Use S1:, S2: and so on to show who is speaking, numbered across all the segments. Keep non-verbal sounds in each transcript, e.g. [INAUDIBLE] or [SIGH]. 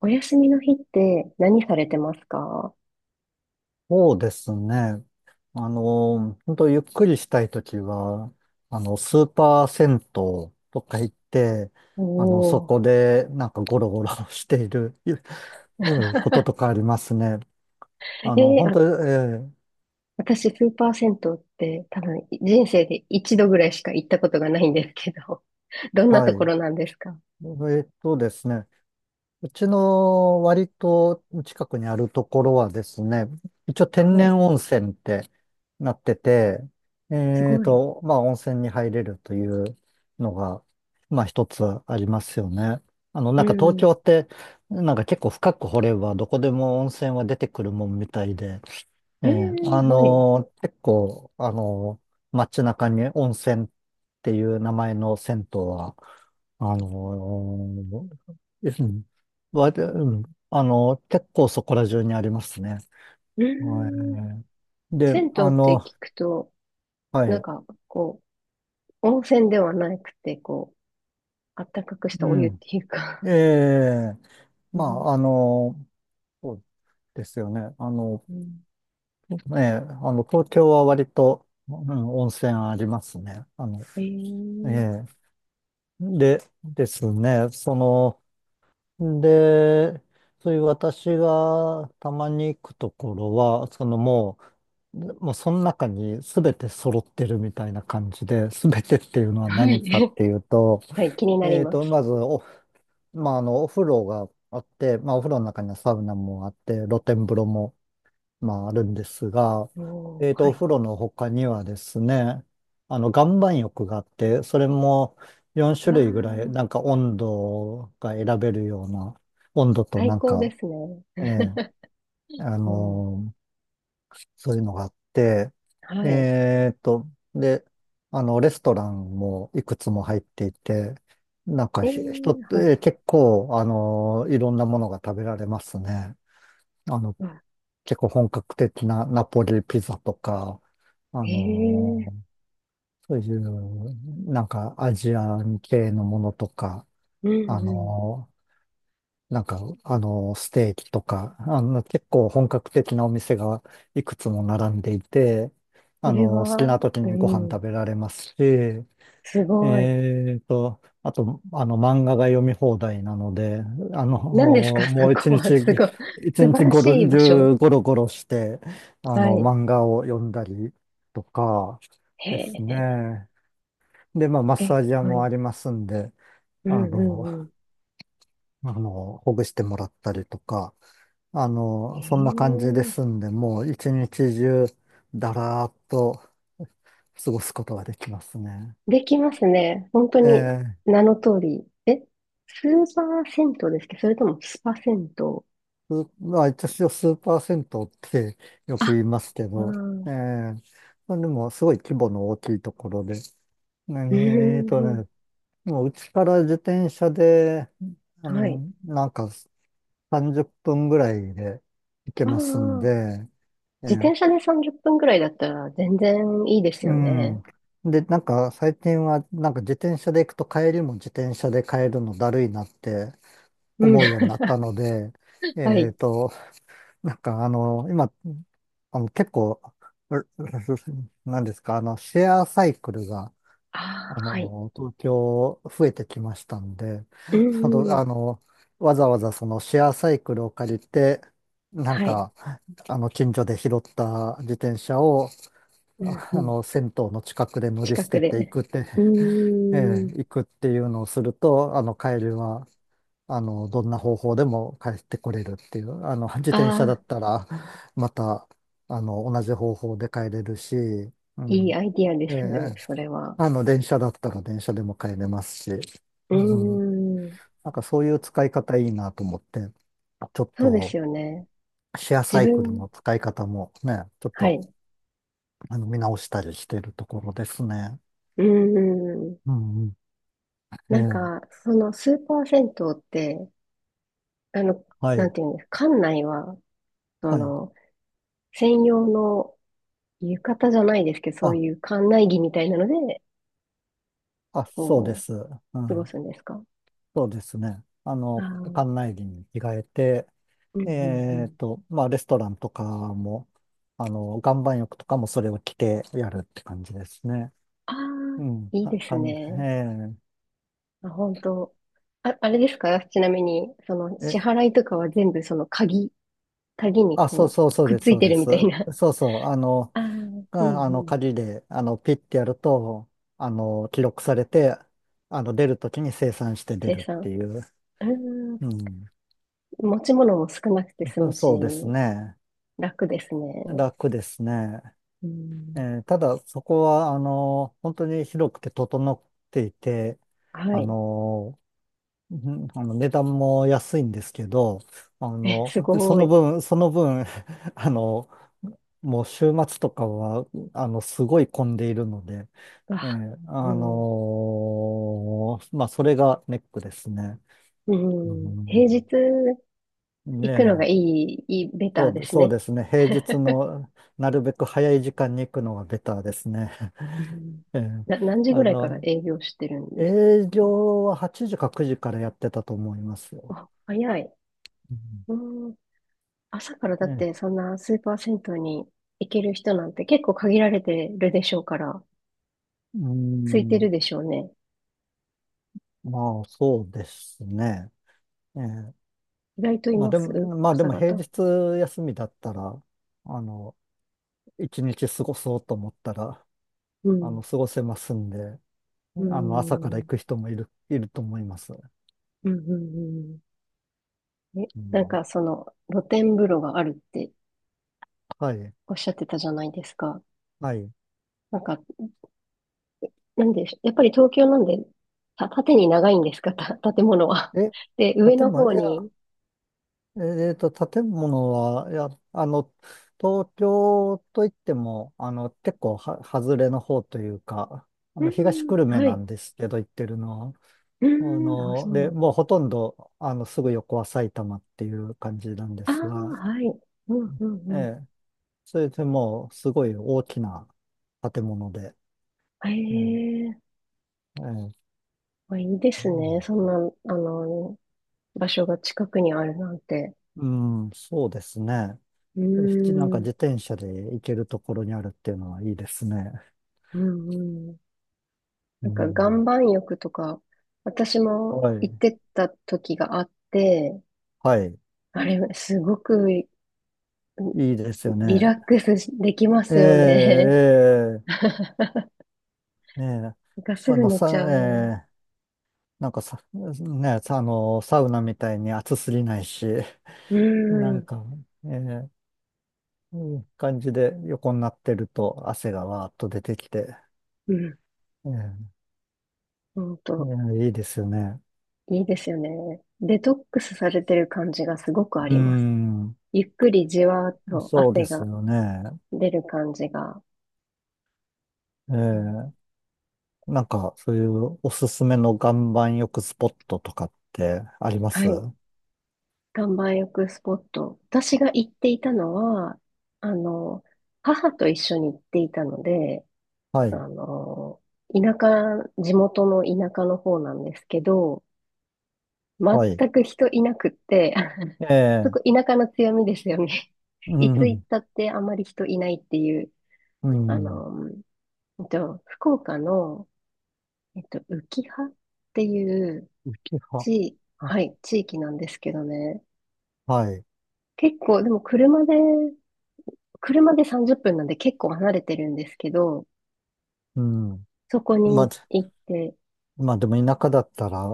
S1: お休みの日って何されてますか？
S2: そうですね。本当ゆっくりしたいときは、スーパー銭湯とか行って、
S1: お
S2: そ
S1: ー。
S2: こでなんかゴロゴロ [LAUGHS] している、うん
S1: [LAUGHS]
S2: こととかありますね。
S1: えー
S2: 本当、
S1: あ、私、スーパー銭湯って多分人生で一度ぐらいしか行ったことがないんですけど、[LAUGHS] どんな
S2: は
S1: とこ
S2: い。
S1: ろなんですか？
S2: えですね。うちの割と近くにあるところはですね、一応天
S1: は
S2: 然
S1: い。
S2: 温泉ってなってて、
S1: すごい。
S2: まあ温泉に入れるというのが、まあ一つありますよね。
S1: う
S2: なんか東
S1: ん。
S2: 京って、なんか結構深く掘ればどこでも温泉は出てくるもんみたいで、
S1: えー、はい。う
S2: 結構、街中に温泉っていう名前の銭湯は、あのーうんわでうんあのー結構そこら中にありますね。は
S1: ん。
S2: い。で、
S1: 銭湯って聞くと、
S2: は
S1: なん
S2: い、
S1: か、こう、温泉ではなくて、こう、あったかくし
S2: う
S1: たお湯っ
S2: ん。
S1: ていうか。
S2: ええ、
S1: う
S2: ま
S1: ん。
S2: あ、そうですよね。
S1: うん。
S2: 東京は割と、温泉ありますね。
S1: え
S2: え
S1: ー、
S2: え、で、ですね、で、そういう私がたまに行くところは、もうその中に全て揃ってるみたいな感じで、全てっていうのは
S1: は
S2: 何
S1: い。
S2: かっ
S1: [LAUGHS]
S2: ていうと、
S1: はい、気になります。
S2: まずまあ、お風呂があって、まあ、お風呂の中にはサウナもあって、露天風呂もまあ、あるんですが、
S1: おー、は
S2: お
S1: い。
S2: 風呂の他にはですね、岩盤浴があって、それも
S1: わ
S2: 4種類ぐらい、
S1: あ、
S2: なんか温度が選べるような、温度と
S1: 最
S2: なん
S1: 高で
S2: か、
S1: すね。
S2: ええあ
S1: うん。
S2: のーそういうのがあって、
S1: はい。
S2: えーと、で、レストランもいくつも入っていて、なんか
S1: え
S2: 人っ
S1: ー、はい。
S2: て結構、いろんなものが食べられますね。あの、
S1: わ、
S2: 結構本格的なナポリピザとか、あ
S1: え
S2: の
S1: え、
S2: ーそういう、なんかアジアン系のものとか、
S1: うん
S2: あ
S1: うん。
S2: のステーキとか、結構本格的なお店がいくつも並んでいて、
S1: それ
S2: 好き
S1: は、
S2: な時
S1: う
S2: にご飯
S1: ん、
S2: 食べられますし、
S1: すごい。
S2: あと、漫画が読み放題なので、あの、
S1: 何ですか、
S2: [LAUGHS]
S1: [LAUGHS] そ
S2: もう
S1: こは。すごい。
S2: 一
S1: 素晴
S2: 日
S1: ら
S2: ごろ
S1: しい場所。
S2: 中ゴロゴロして、
S1: はい。
S2: 漫画を読んだりとか
S1: へ
S2: です
S1: え、
S2: ね。で、まあ、マッサ
S1: え、
S2: ージ屋
S1: は
S2: も
S1: い。
S2: ありますんで、
S1: うん
S2: あ
S1: う
S2: の、
S1: んうん。
S2: [LAUGHS] ほぐしてもらったりとか、
S1: え
S2: そんな感じです
S1: え、
S2: んで、もう一日中、だらーっと過ごすことができますね。
S1: できますね。本当
S2: え
S1: に、
S2: ー
S1: 名の通り。え、スーパー銭湯ですけど、それともスパ銭湯。
S2: すまあ、一応数パーセントってよ
S1: あ、
S2: く言いますけ
S1: ああ、
S2: ど、え
S1: う
S2: えまあ、でもすごい規模の大きいところで、
S1: ー
S2: 何
S1: ん、
S2: えーと
S1: う
S2: ね、
S1: ん。
S2: もううちから自転車で、
S1: はい。
S2: なんか30分ぐらいで行け
S1: あ
S2: ますん
S1: あ、
S2: で、え
S1: 自
S2: え
S1: 転車で30分くらいだったら全然いいです
S2: う
S1: よね。
S2: ん。で、なんか最近はなんか自転車で行くと帰りも自転車で帰るのだるいなって
S1: うん。
S2: 思うようになったので、
S1: [LAUGHS] は
S2: え
S1: い。
S2: っと、なんか今、結構、う [LAUGHS] なんですか、シェアサイクルが、
S1: ああ、はい。
S2: 東京増えてきましたんで、
S1: う
S2: ちょう
S1: んう
S2: ど
S1: ん。
S2: わざわざそのシェアサイクルを借りて、なん
S1: はい。
S2: か、近所で拾った自転車を、
S1: うんうん。
S2: 銭湯の近くで乗り
S1: 近
S2: 捨
S1: く
S2: ててい
S1: で。
S2: くって、
S1: うーん。
S2: 行くっていうのをすると、帰りは、どんな方法でも帰ってこれるっていう、自転車だ
S1: あ
S2: っ
S1: あ、
S2: たら、また、同じ方法で帰れるし、う
S1: いい
S2: ん。
S1: アイディアで
S2: え
S1: す。
S2: え
S1: それは。
S2: 電車だったら電車でも帰れますし、
S1: う
S2: う
S1: ー
S2: ん。
S1: ん。
S2: なんかそういう使い方いいなと思って、ちょっ
S1: そうです
S2: と、
S1: よね。
S2: シェアサ
S1: 自
S2: イクル
S1: 分、
S2: の使い方もね、ちょっ
S1: は
S2: と、
S1: い。
S2: 見直したりしてるところですね。
S1: うーん。
S2: うんうん。え
S1: なん
S2: え
S1: か、そのスーパー銭湯って、あの、
S2: は
S1: なん
S2: い。
S1: ていうんですか、館内は、そ
S2: はい。
S1: の、専用の浴衣じゃないですけど、そう
S2: あ、
S1: いう館内着みたいなので、
S2: そうで
S1: こ
S2: す。
S1: う、
S2: う
S1: 過ご
S2: ん。
S1: すんですか？
S2: そうですね。
S1: あ
S2: 館
S1: あ、
S2: 内着に着替えて、
S1: うんうんうん。
S2: まあ、レストランとかも、岩盤浴とかもそれを着てやるって感じですね。
S1: ああ、
S2: うん。
S1: いい
S2: あ、
S1: です
S2: かん、
S1: ね。
S2: え
S1: あ、本当。あ、あれですかちなみに、その、
S2: ー
S1: 支
S2: え、
S1: 払いとかは全部その鍵、鍵に
S2: あ、そう
S1: こう、
S2: そうそう
S1: くっ
S2: です、
S1: つ
S2: そ
S1: い
S2: う
S1: て
S2: で
S1: る
S2: す。
S1: みたいな。
S2: そうそう、
S1: ああ、うんうん。
S2: 鍵で、ピッてやると、記録されて、出るときに生産して出
S1: 生
S2: るって
S1: 産。
S2: いう。
S1: うーん、
S2: うん。
S1: 持ち物も少なくて済
S2: そう
S1: むし、
S2: そうですね。
S1: 楽ですね。
S2: 楽ですね。
S1: うん、
S2: ただ、そこは、本当に広くて整っていて、
S1: は
S2: あ
S1: い。
S2: の、値段も安いんですけど、あ
S1: え、
S2: の、
S1: す
S2: そ
S1: ご
S2: の
S1: い。
S2: 分、その分、[LAUGHS] あの、もう週末とかは、すごい混んでいるので、
S1: わ、うん、
S2: それがネックですね。
S1: う
S2: う
S1: ん。
S2: ん、
S1: 平日行
S2: ね
S1: くのがい
S2: え。
S1: い、いい、ベターです
S2: そう
S1: ね。
S2: ですね。平日のなるべく早い時間に行くのがベターですね。
S1: う
S2: [LAUGHS]
S1: ん。
S2: ええ
S1: な、何時ぐ
S2: あ
S1: らいから
S2: の、
S1: 営業してるんです
S2: 営
S1: か？
S2: 業は8時か9時からやってたと思いますよ。
S1: あ、早い。
S2: うん
S1: うん。朝からだっ
S2: ね、
S1: てそんなスーパー銭湯に行ける人なんて結構限られてるでしょうから、
S2: うー
S1: 空いてる
S2: ん、
S1: でしょうね。
S2: まあそうですね。ええ
S1: 意外とい
S2: まあ
S1: ま
S2: で
S1: す
S2: も、まあで
S1: 朝
S2: も平
S1: 方。
S2: 日休みだったら、あの、一日過ごそうと思ったら、
S1: うん。
S2: 過ごせますんで、
S1: う
S2: 朝から行
S1: ん。
S2: く人もいると思います。
S1: うん。うん。うん。え、
S2: う
S1: なん
S2: ん、
S1: かその露天風呂があるって
S2: はい、
S1: おっしゃってたじゃないですか。
S2: はい。
S1: なんか、なんで、やっぱり東京なんで、た、縦に長いんですか、た、建物は。
S2: え、
S1: で、上
S2: 建
S1: の方
S2: 物、
S1: に。
S2: 建物は、いや、東京といっても、結構は、外れの方というか、
S1: う
S2: 東
S1: ん、
S2: 久留米
S1: は
S2: な
S1: い。
S2: んですけど、行ってるのは。
S1: うん、あ、そうな
S2: で、
S1: んだ。
S2: もうほとんど、すぐ横は埼玉っていう感じなんで
S1: ああ、
S2: すが、
S1: はい。うん、うん、
S2: え
S1: うん。
S2: え、それでもう、すごい大きな建物で、
S1: へ
S2: ええ、
S1: え、
S2: ええ、
S1: まあ、いいですね。そんな、
S2: う
S1: あの、場所が近くにあるなんて。
S2: ん、うんそうですね。
S1: うー
S2: これなんか
S1: ん、
S2: 自転車で行けるところにあるっていうのはいいですね。
S1: うん、うん。
S2: う
S1: なんか、岩
S2: ん、
S1: 盤浴とか、私も
S2: は
S1: 行っ
S2: い。
S1: てた時があって、
S2: はい。
S1: あれ、すごくリ
S2: いいですよ
S1: リ
S2: ね。
S1: ラックスできま
S2: え
S1: すよね。
S2: え、
S1: [LAUGHS]
S2: ええ、ええ。
S1: なんかす
S2: あ
S1: ぐ
S2: の、
S1: 寝ち
S2: さ、
S1: ゃう。
S2: え
S1: う
S2: え、なんかさ、ね、さサウナみたいに暑すぎないし、
S1: ー
S2: [LAUGHS] なん
S1: ん、
S2: か、ええ、いい感じで横になってると汗がわーっと出てきて、
S1: うん、
S2: ええ、
S1: ほん
S2: い
S1: と。
S2: やいいですよね。
S1: いいですよね。デトックスされてる感じがすごくあ
S2: う
S1: ります。
S2: ん、
S1: ゆっくりじわーっと
S2: そうで
S1: 汗
S2: す
S1: が
S2: よね。
S1: 出る感じが。
S2: え
S1: うん。
S2: え、なんか、そういうおすすめの岩盤浴スポットとかってありま
S1: は
S2: す？
S1: い。岩盤浴スポット。私が行っていたのは、あの、母と一緒に行っていたので、
S2: は
S1: あ
S2: い、
S1: の、田舎、地元の田舎の方なんですけど、
S2: はい。
S1: 全く人いなくって、
S2: え
S1: [LAUGHS] そ
S2: え、
S1: こ田舎の強みですよね。
S2: う
S1: いつ行っ
S2: ん、
S1: たってあまり人いないっていう、
S2: う
S1: あ
S2: ん、
S1: の、福岡の、浮羽っていう
S2: 浮き葉。
S1: 地、はい、地域なんですけどね。
S2: はい、
S1: 結構、でも車で、車で30分なんで結構離れてるんですけど、
S2: うん。
S1: そこ
S2: まあ、
S1: に行って、
S2: まあでも田舎だったら、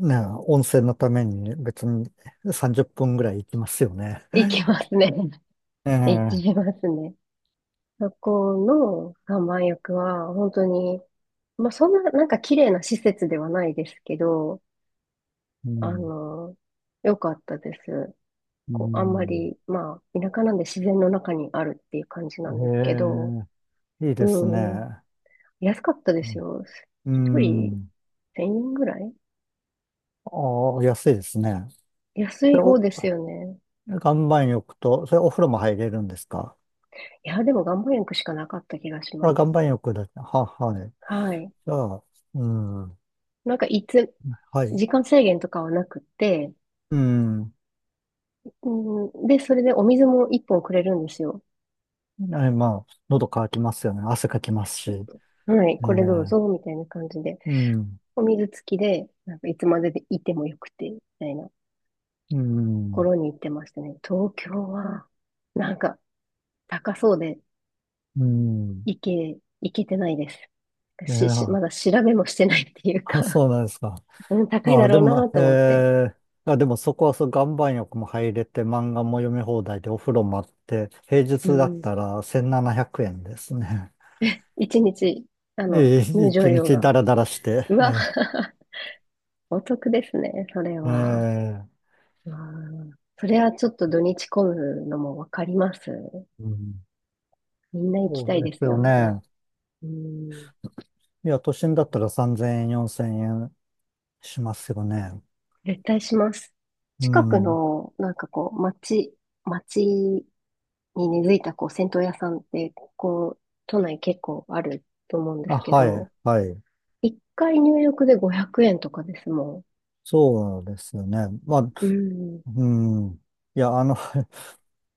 S2: ね、温泉のために別に30分ぐらい行きますよね。
S1: 行き
S2: [LAUGHS]
S1: ますね。[LAUGHS]
S2: え
S1: 行
S2: え、
S1: きますね。そこの岩盤浴は、本当に、まあ、そんな、なんか綺麗な施設ではないですけど、
S2: う
S1: あ
S2: ん、
S1: の、良かったです。
S2: う
S1: こう、あんま
S2: ん。
S1: り、まあ、田舎なんで自然の中にあるっていう感じなんですけ
S2: え
S1: ど、
S2: え、いいです
S1: うん、
S2: ね。
S1: 安かったですよ。
S2: う
S1: 一人
S2: ん。
S1: 1000円ぐらい
S2: ああ、安いですね。
S1: 安
S2: で、
S1: い方ですよね。
S2: 岩盤浴と、それお風呂も入れるんですか？
S1: いや、でも岩盤浴しかなかった気がし
S2: あ、
S1: ま
S2: 岩
S1: す。
S2: 盤浴だけ。はい。
S1: はい。
S2: じゃあ、うん。
S1: なんかいつ、
S2: はい。
S1: 時間制限とかはなくて、
S2: うん。
S1: うん、で、それでお水も一本くれるんですよ。
S2: まあ、喉乾きますよね。汗かきますし。
S1: はい、これどうぞ、
S2: え
S1: みたいな感じで。
S2: うん、
S1: お水付きで、なんかいつまででいてもよくて、みたいなと
S2: う
S1: こ
S2: ん、
S1: ろに行ってましたね。東京は、なんか、高そうで、
S2: うん。
S1: いけ、いけてないです。
S2: い
S1: し、し、
S2: や、
S1: まだ調べもしてないっていう
S2: あ、
S1: か、
S2: そうなんですか。
S1: [LAUGHS] うん、高いだ
S2: あ、で
S1: ろう
S2: も、
S1: なと思って。
S2: そこはそう、岩盤浴も入れて、漫画も読み放題で、お風呂もあって、平
S1: う
S2: 日だっ
S1: ん。
S2: たら1700円ですね。
S1: 一日、
S2: [LAUGHS]
S1: 入場
S2: 一
S1: 料
S2: 日
S1: が。
S2: ダラダラして。
S1: うわ。 [LAUGHS] お得ですね、それ
S2: え
S1: は。
S2: ええ
S1: うん。それはちょっと土日混むのもわかります。
S2: うん、
S1: みんな行き
S2: そ
S1: た
S2: う
S1: い
S2: で
S1: で
S2: す
S1: すよ
S2: よ
S1: ね。
S2: ね。
S1: うん。
S2: いや、都心だったら3000円、4000円しますよね。
S1: 絶対します。
S2: う
S1: 近く
S2: ん。
S1: の、なんかこう、町、町に根付いたこう銭湯屋さんってこう都内結構あると思うんで
S2: あ、
S1: すけ
S2: はい、
S1: ど、
S2: はい。
S1: 一回入浴で500円とかですも
S2: そうですよね。まあ、
S1: ん。うん。
S2: うん。いや、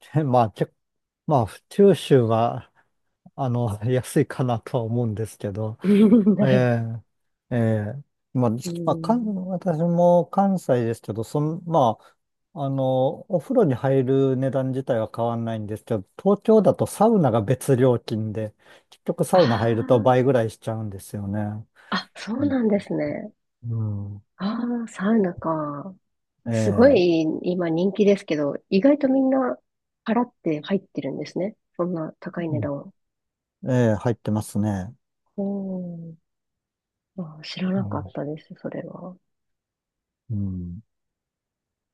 S2: [LAUGHS] まあ、まあ、九州は、安いかなとは思うんですけど、
S1: [LAUGHS] うんない。
S2: ええええまあ、ま
S1: う
S2: あ、
S1: ん。
S2: 私も関西ですけど、まあ、お風呂に入る値段自体は変わんないんですけど、東京だとサウナが別料金で、結局サウナ
S1: あ
S2: 入ると倍ぐらいしちゃうんですよね。
S1: あ、あ、そ
S2: う
S1: う
S2: ん。
S1: なんですね。
S2: うん、
S1: ああ、サウナか。すご
S2: ええ、
S1: い今人気ですけど、意外とみんな払って入ってるんですね。そんな高い
S2: う
S1: 値
S2: ん、
S1: 段を。
S2: ええ、入ってますね。
S1: おー、あー、知ら
S2: う
S1: なかっ
S2: ん
S1: たです、それは。
S2: うん。